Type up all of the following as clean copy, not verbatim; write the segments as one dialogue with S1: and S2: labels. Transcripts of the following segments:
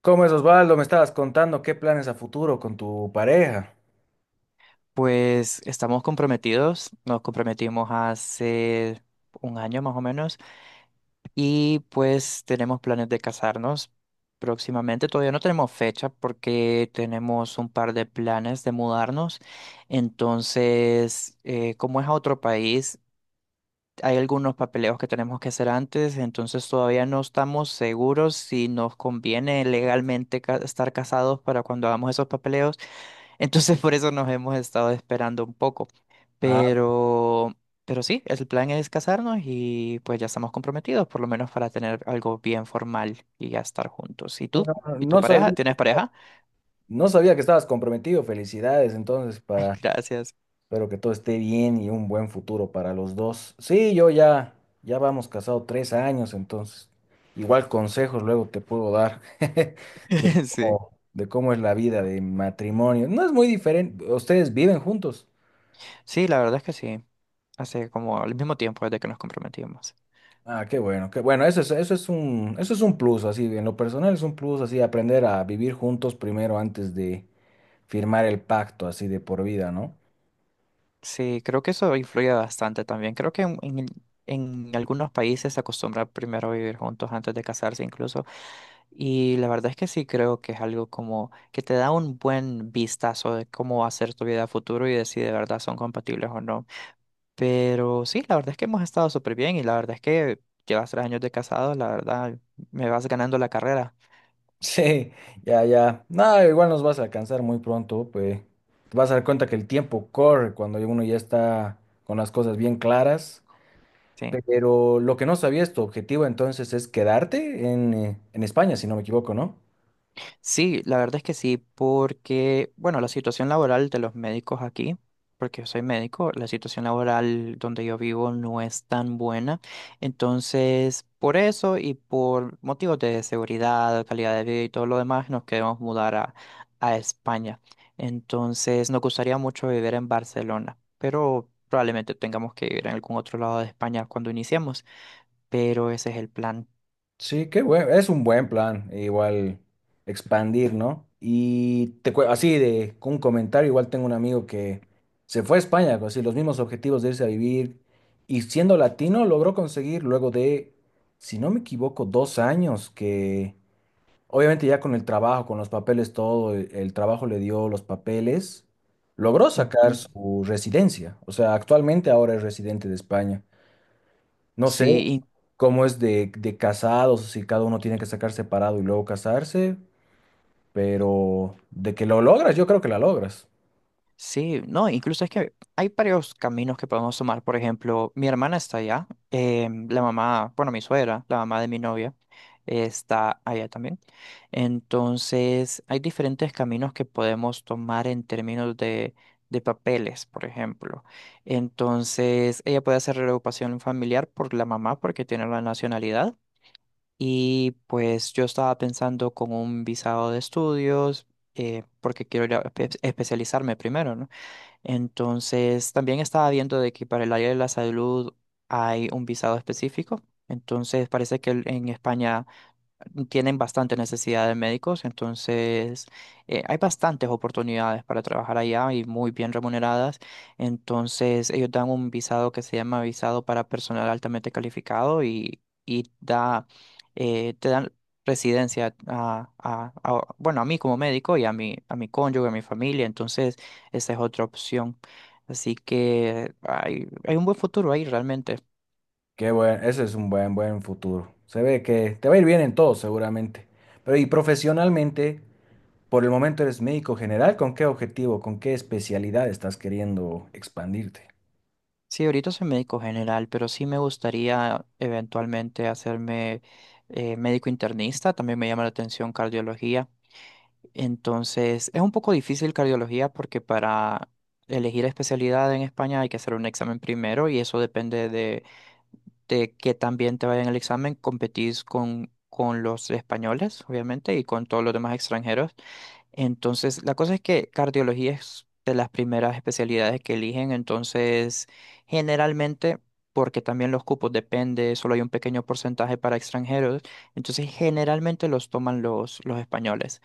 S1: ¿Cómo es, Osvaldo? Me estabas contando qué planes a futuro con tu pareja.
S2: Pues estamos comprometidos, nos comprometimos hace un año más o menos y pues tenemos planes de casarnos próximamente. Todavía no tenemos fecha porque tenemos un par de planes de mudarnos. Entonces, como es a otro país, hay algunos papeleos que tenemos que hacer antes, entonces todavía no estamos seguros si nos conviene legalmente estar casados para cuando hagamos esos papeleos. Entonces por eso nos hemos estado esperando un poco.
S1: Ah,
S2: Pero, pero sí, el plan es casarnos y pues ya estamos comprometidos, por lo menos para tener algo bien formal y ya estar juntos. ¿Y
S1: no,
S2: tú? ¿Y tu
S1: no sabía,
S2: pareja? ¿Tienes pareja?
S1: no sabía que estabas comprometido. Felicidades, entonces, para,
S2: Gracias.
S1: espero que todo esté bien y un buen futuro para los dos. Sí, ya vamos casado 3 años, entonces, igual consejos luego te puedo dar
S2: Sí.
S1: de cómo es la vida de matrimonio. No es muy diferente. ¿Ustedes viven juntos?
S2: Sí, la verdad es que sí. Hace como al mismo tiempo desde que nos comprometimos.
S1: Ah, qué bueno, eso es un plus, así, en lo personal es un plus, así, aprender a vivir juntos primero antes de firmar el pacto, así, de por vida, ¿no?
S2: Sí, creo que eso influye bastante también. Creo que en algunos países se acostumbra primero a vivir juntos antes de casarse incluso. Y la verdad es que sí creo que es algo como que te da un buen vistazo de cómo va a ser tu vida a futuro y de si de verdad son compatibles o no. Pero sí, la verdad es que hemos estado súper bien y la verdad es que llevas 3 años de casado, la verdad me vas ganando la carrera.
S1: Sí, ya, ya, nada, igual nos vas a alcanzar muy pronto, pues, te vas a dar cuenta que el tiempo corre cuando uno ya está con las cosas bien claras,
S2: Sí.
S1: pero lo que no sabías, tu objetivo entonces es quedarte en España, si no me equivoco, ¿no?
S2: Sí, la verdad es que sí, porque, bueno, la situación laboral de los médicos aquí, porque yo soy médico, la situación laboral donde yo vivo no es tan buena. Entonces, por eso y por motivos de seguridad, calidad de vida y todo lo demás, nos queremos mudar a, España. Entonces, nos gustaría mucho vivir en Barcelona, pero probablemente tengamos que vivir en algún otro lado de España cuando iniciemos, pero ese es el plan.
S1: Sí, qué bueno, es un buen plan, e igual expandir, ¿no? Y te, así de con un comentario, igual tengo un amigo que se fue a España con así los mismos objetivos de irse a vivir y siendo latino logró conseguir luego de, si no me equivoco, 2 años que obviamente ya con el trabajo, con los papeles, todo, el trabajo le dio los papeles, logró sacar
S2: Ujú.
S1: su residencia, o sea, actualmente ahora es residente de España. No sé
S2: Sí,
S1: cómo es de casados, si cada uno tiene que sacar separado y luego casarse, pero de que lo logras, yo creo que la logras.
S2: sí, no, incluso es que hay varios caminos que podemos tomar. Por ejemplo, mi hermana está allá, la mamá, bueno, mi suegra, la mamá de mi novia, está allá también. Entonces, hay diferentes caminos que podemos tomar en términos de papeles, por ejemplo. Entonces, ella puede hacer reagrupación familiar por la mamá porque tiene la nacionalidad. Y pues yo estaba pensando con un visado de estudios, porque quiero ir a especializarme primero, ¿no? Entonces, también estaba viendo de que para el área de la salud hay un visado específico. Entonces, parece que en España tienen bastante necesidad de médicos, entonces hay bastantes oportunidades para trabajar allá y muy bien remuneradas. Entonces ellos dan un visado que se llama visado para personal altamente calificado y da, te dan residencia a, bueno, a mí como médico y a mi cónyuge, a mi familia, entonces esa es otra opción. Así que hay un buen futuro ahí realmente.
S1: Qué bueno, ese es un buen, buen futuro. Se ve que te va a ir bien en todo, seguramente. Pero y profesionalmente, por el momento eres médico general, ¿con qué objetivo, con qué especialidad estás queriendo expandirte?
S2: Sí, ahorita soy médico general, pero sí me gustaría eventualmente hacerme médico internista. También me llama la atención cardiología. Entonces, es un poco difícil cardiología porque para elegir especialidad en España hay que hacer un examen primero y eso depende de, que también te vaya en el examen. Competís con los españoles, obviamente, y con todos los demás extranjeros. Entonces, la cosa es que cardiología es de las primeras especialidades que eligen, entonces generalmente, porque también los cupos depende, solo hay un pequeño porcentaje para extranjeros, entonces generalmente los toman los españoles.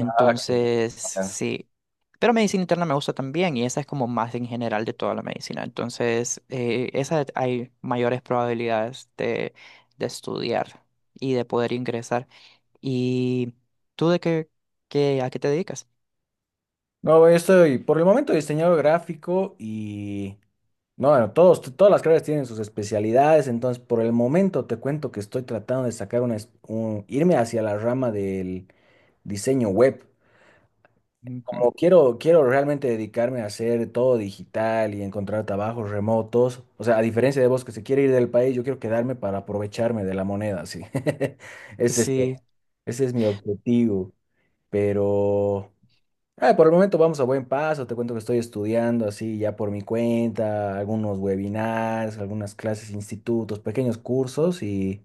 S1: Ah, qué- Ajá.
S2: sí. Pero medicina interna me gusta también y esa es como más en general de toda la medicina. Entonces, esa hay mayores probabilidades de estudiar y de poder ingresar. ¿Y tú de a qué te dedicas?
S1: No, yo estoy por el momento diseñador gráfico y no, bueno, todos, todas las carreras tienen sus especialidades, entonces por el momento te cuento que estoy tratando de sacar una, irme hacia la rama del diseño web.
S2: Ujú.
S1: Como quiero, quiero realmente dedicarme a hacer todo digital y encontrar trabajos remotos, o sea, a diferencia de vos que se quiere ir del país, yo quiero quedarme para aprovecharme de la moneda, sí. Ese es, este,
S2: Sí,
S1: ese es mi objetivo, pero... Ah, por el momento vamos a buen paso. Te cuento que estoy estudiando así ya por mi cuenta, algunos webinars, algunas clases, institutos, pequeños cursos y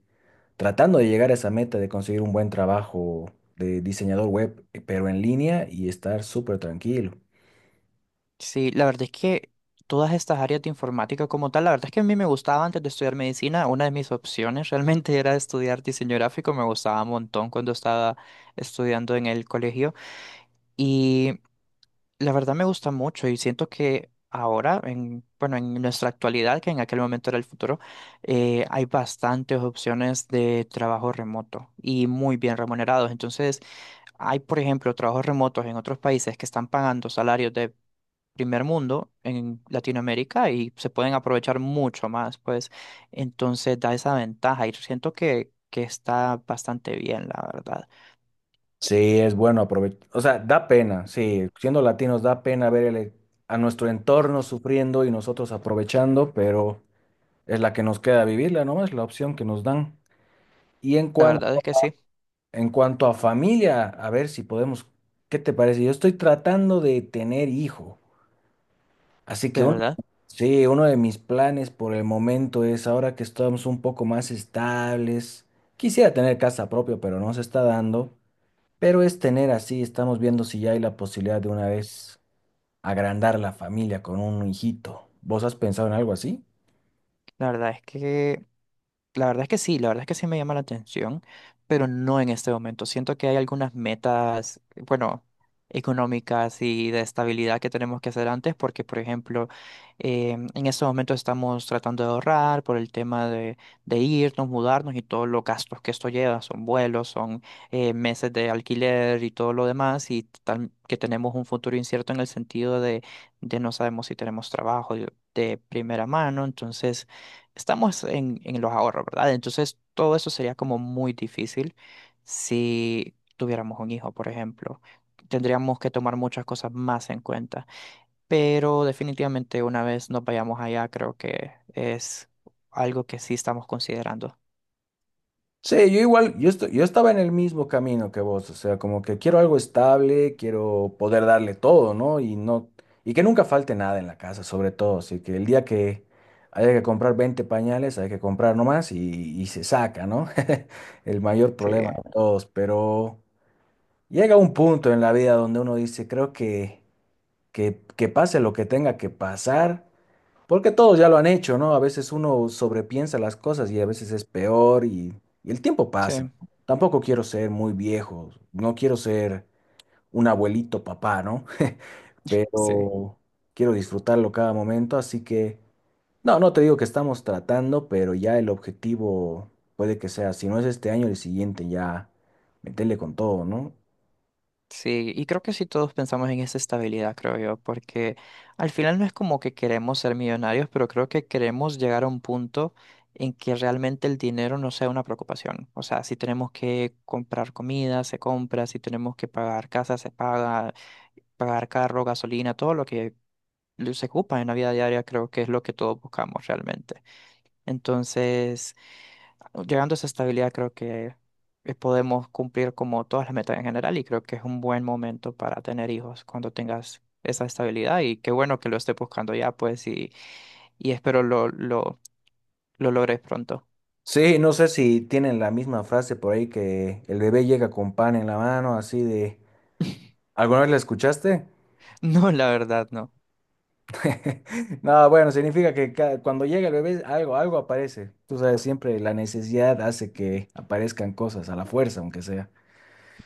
S1: tratando de llegar a esa meta de conseguir un buen trabajo de diseñador web, pero en línea y estar súper tranquilo.
S2: sí, la verdad es que todas estas áreas de informática como tal, la verdad es que a mí me gustaba antes de estudiar medicina, una de mis opciones realmente era estudiar diseño gráfico, me gustaba un montón cuando estaba estudiando en el colegio y la verdad me gusta mucho y siento que ahora, en, bueno, en nuestra actualidad, que en aquel momento era el futuro, hay bastantes opciones de trabajo remoto y muy bien remunerados, entonces... Hay, por ejemplo, trabajos remotos en otros países que están pagando salarios de primer mundo en Latinoamérica y se pueden aprovechar mucho más, pues entonces da esa ventaja y siento que está bastante bien, la verdad.
S1: Sí, es bueno aprovechar. O sea, da pena, sí, siendo latinos da pena ver a nuestro entorno sufriendo y nosotros aprovechando, pero es la que nos queda vivirla, ¿no? Es la opción que nos dan. Y en
S2: La verdad
S1: cuanto
S2: es que sí,
S1: En cuanto a familia, a ver si podemos, ¿qué te parece? Yo estoy tratando de tener hijo, así que
S2: de
S1: uno,
S2: verdad.
S1: sí, uno de mis planes por el momento es, ahora que estamos un poco más estables, quisiera tener casa propia, pero no se está dando, pero es tener así, estamos viendo si ya hay la posibilidad de una vez agrandar la familia con un hijito. ¿Vos has pensado en algo así?
S2: La verdad es que La verdad es que sí, la verdad es que sí me llama la atención, pero no en este momento. Siento que hay algunas metas, bueno, económicas y de estabilidad que tenemos que hacer antes, porque, por ejemplo, en estos momentos estamos tratando de ahorrar por el tema de irnos, mudarnos y todos los gastos que esto lleva, son vuelos, son meses de alquiler y todo lo demás, y tal que tenemos un futuro incierto en el sentido de no sabemos si tenemos trabajo de primera mano, entonces estamos en los ahorros, ¿verdad? Entonces, todo eso sería como muy difícil si tuviéramos un hijo, por ejemplo. Tendríamos que tomar muchas cosas más en cuenta. Pero definitivamente una vez nos vayamos allá, creo que es algo que sí estamos considerando.
S1: Sí, yo igual, yo estaba en el mismo camino que vos, o sea, como que quiero algo estable, quiero poder darle todo, ¿no? Y no, y que nunca falte nada en la casa, sobre todo, así que el día que haya que comprar 20 pañales, hay que comprar nomás y se saca, ¿no? El mayor
S2: Sí,
S1: problema de todos, pero llega un punto en la vida donde uno dice, creo que pase lo que tenga que pasar. Porque todos ya lo han hecho, ¿no? A veces uno sobrepiensa las cosas y a veces es peor y el tiempo
S2: sí,
S1: pasa. Tampoco quiero ser muy viejo, no quiero ser un abuelito papá, ¿no?
S2: sí.
S1: Pero quiero disfrutarlo cada momento, así que no, no te digo que estamos tratando, pero ya el objetivo puede que sea, si no es este año, el siguiente ya meterle con todo, ¿no?
S2: Sí, y creo que sí todos pensamos en esa estabilidad, creo yo, porque al final no es como que queremos ser millonarios, pero creo que queremos llegar a un punto en que realmente el dinero no sea una preocupación. O sea, si tenemos que comprar comida, se compra, si tenemos que pagar casa, se paga, pagar carro, gasolina, todo lo que se ocupa en la vida diaria, creo que es lo que todos buscamos realmente. Entonces, llegando a esa estabilidad, creo que podemos cumplir como todas las metas en general y creo que es un buen momento para tener hijos cuando tengas esa estabilidad y qué bueno que lo estés buscando ya, pues, y espero lo logres pronto.
S1: Sí, no sé si tienen la misma frase por ahí que el bebé llega con pan en la mano, así de... ¿Alguna vez la escuchaste?
S2: No, la verdad, no.
S1: No, bueno, significa que cuando llega el bebé, algo, algo aparece. Tú sabes, siempre la necesidad hace que aparezcan cosas a la fuerza, aunque sea.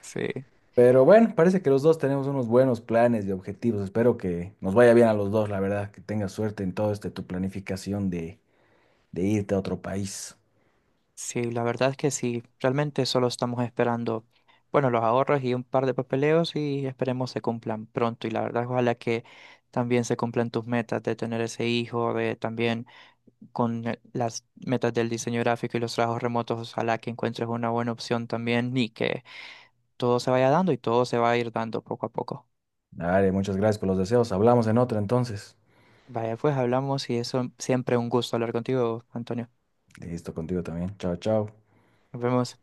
S2: Sí,
S1: Pero bueno, parece que los dos tenemos unos buenos planes y objetivos. Espero que nos vaya bien a los dos, la verdad, que tengas suerte en todo este tu planificación de irte a otro país.
S2: sí, la verdad es que sí, realmente solo estamos esperando, bueno, los ahorros y un par de papeleos y esperemos se cumplan pronto y la verdad, ojalá que también se cumplan tus metas de tener ese hijo, de también con las metas del diseño gráfico y los trabajos remotos, ojalá que encuentres una buena opción también y que todo se vaya dando y todo se va a ir dando poco a poco.
S1: Dale, muchas gracias por los deseos. Hablamos en otra entonces.
S2: Vaya, pues hablamos y eso siempre un gusto hablar contigo, Antonio.
S1: Listo contigo también. Chao, chao.
S2: Nos vemos.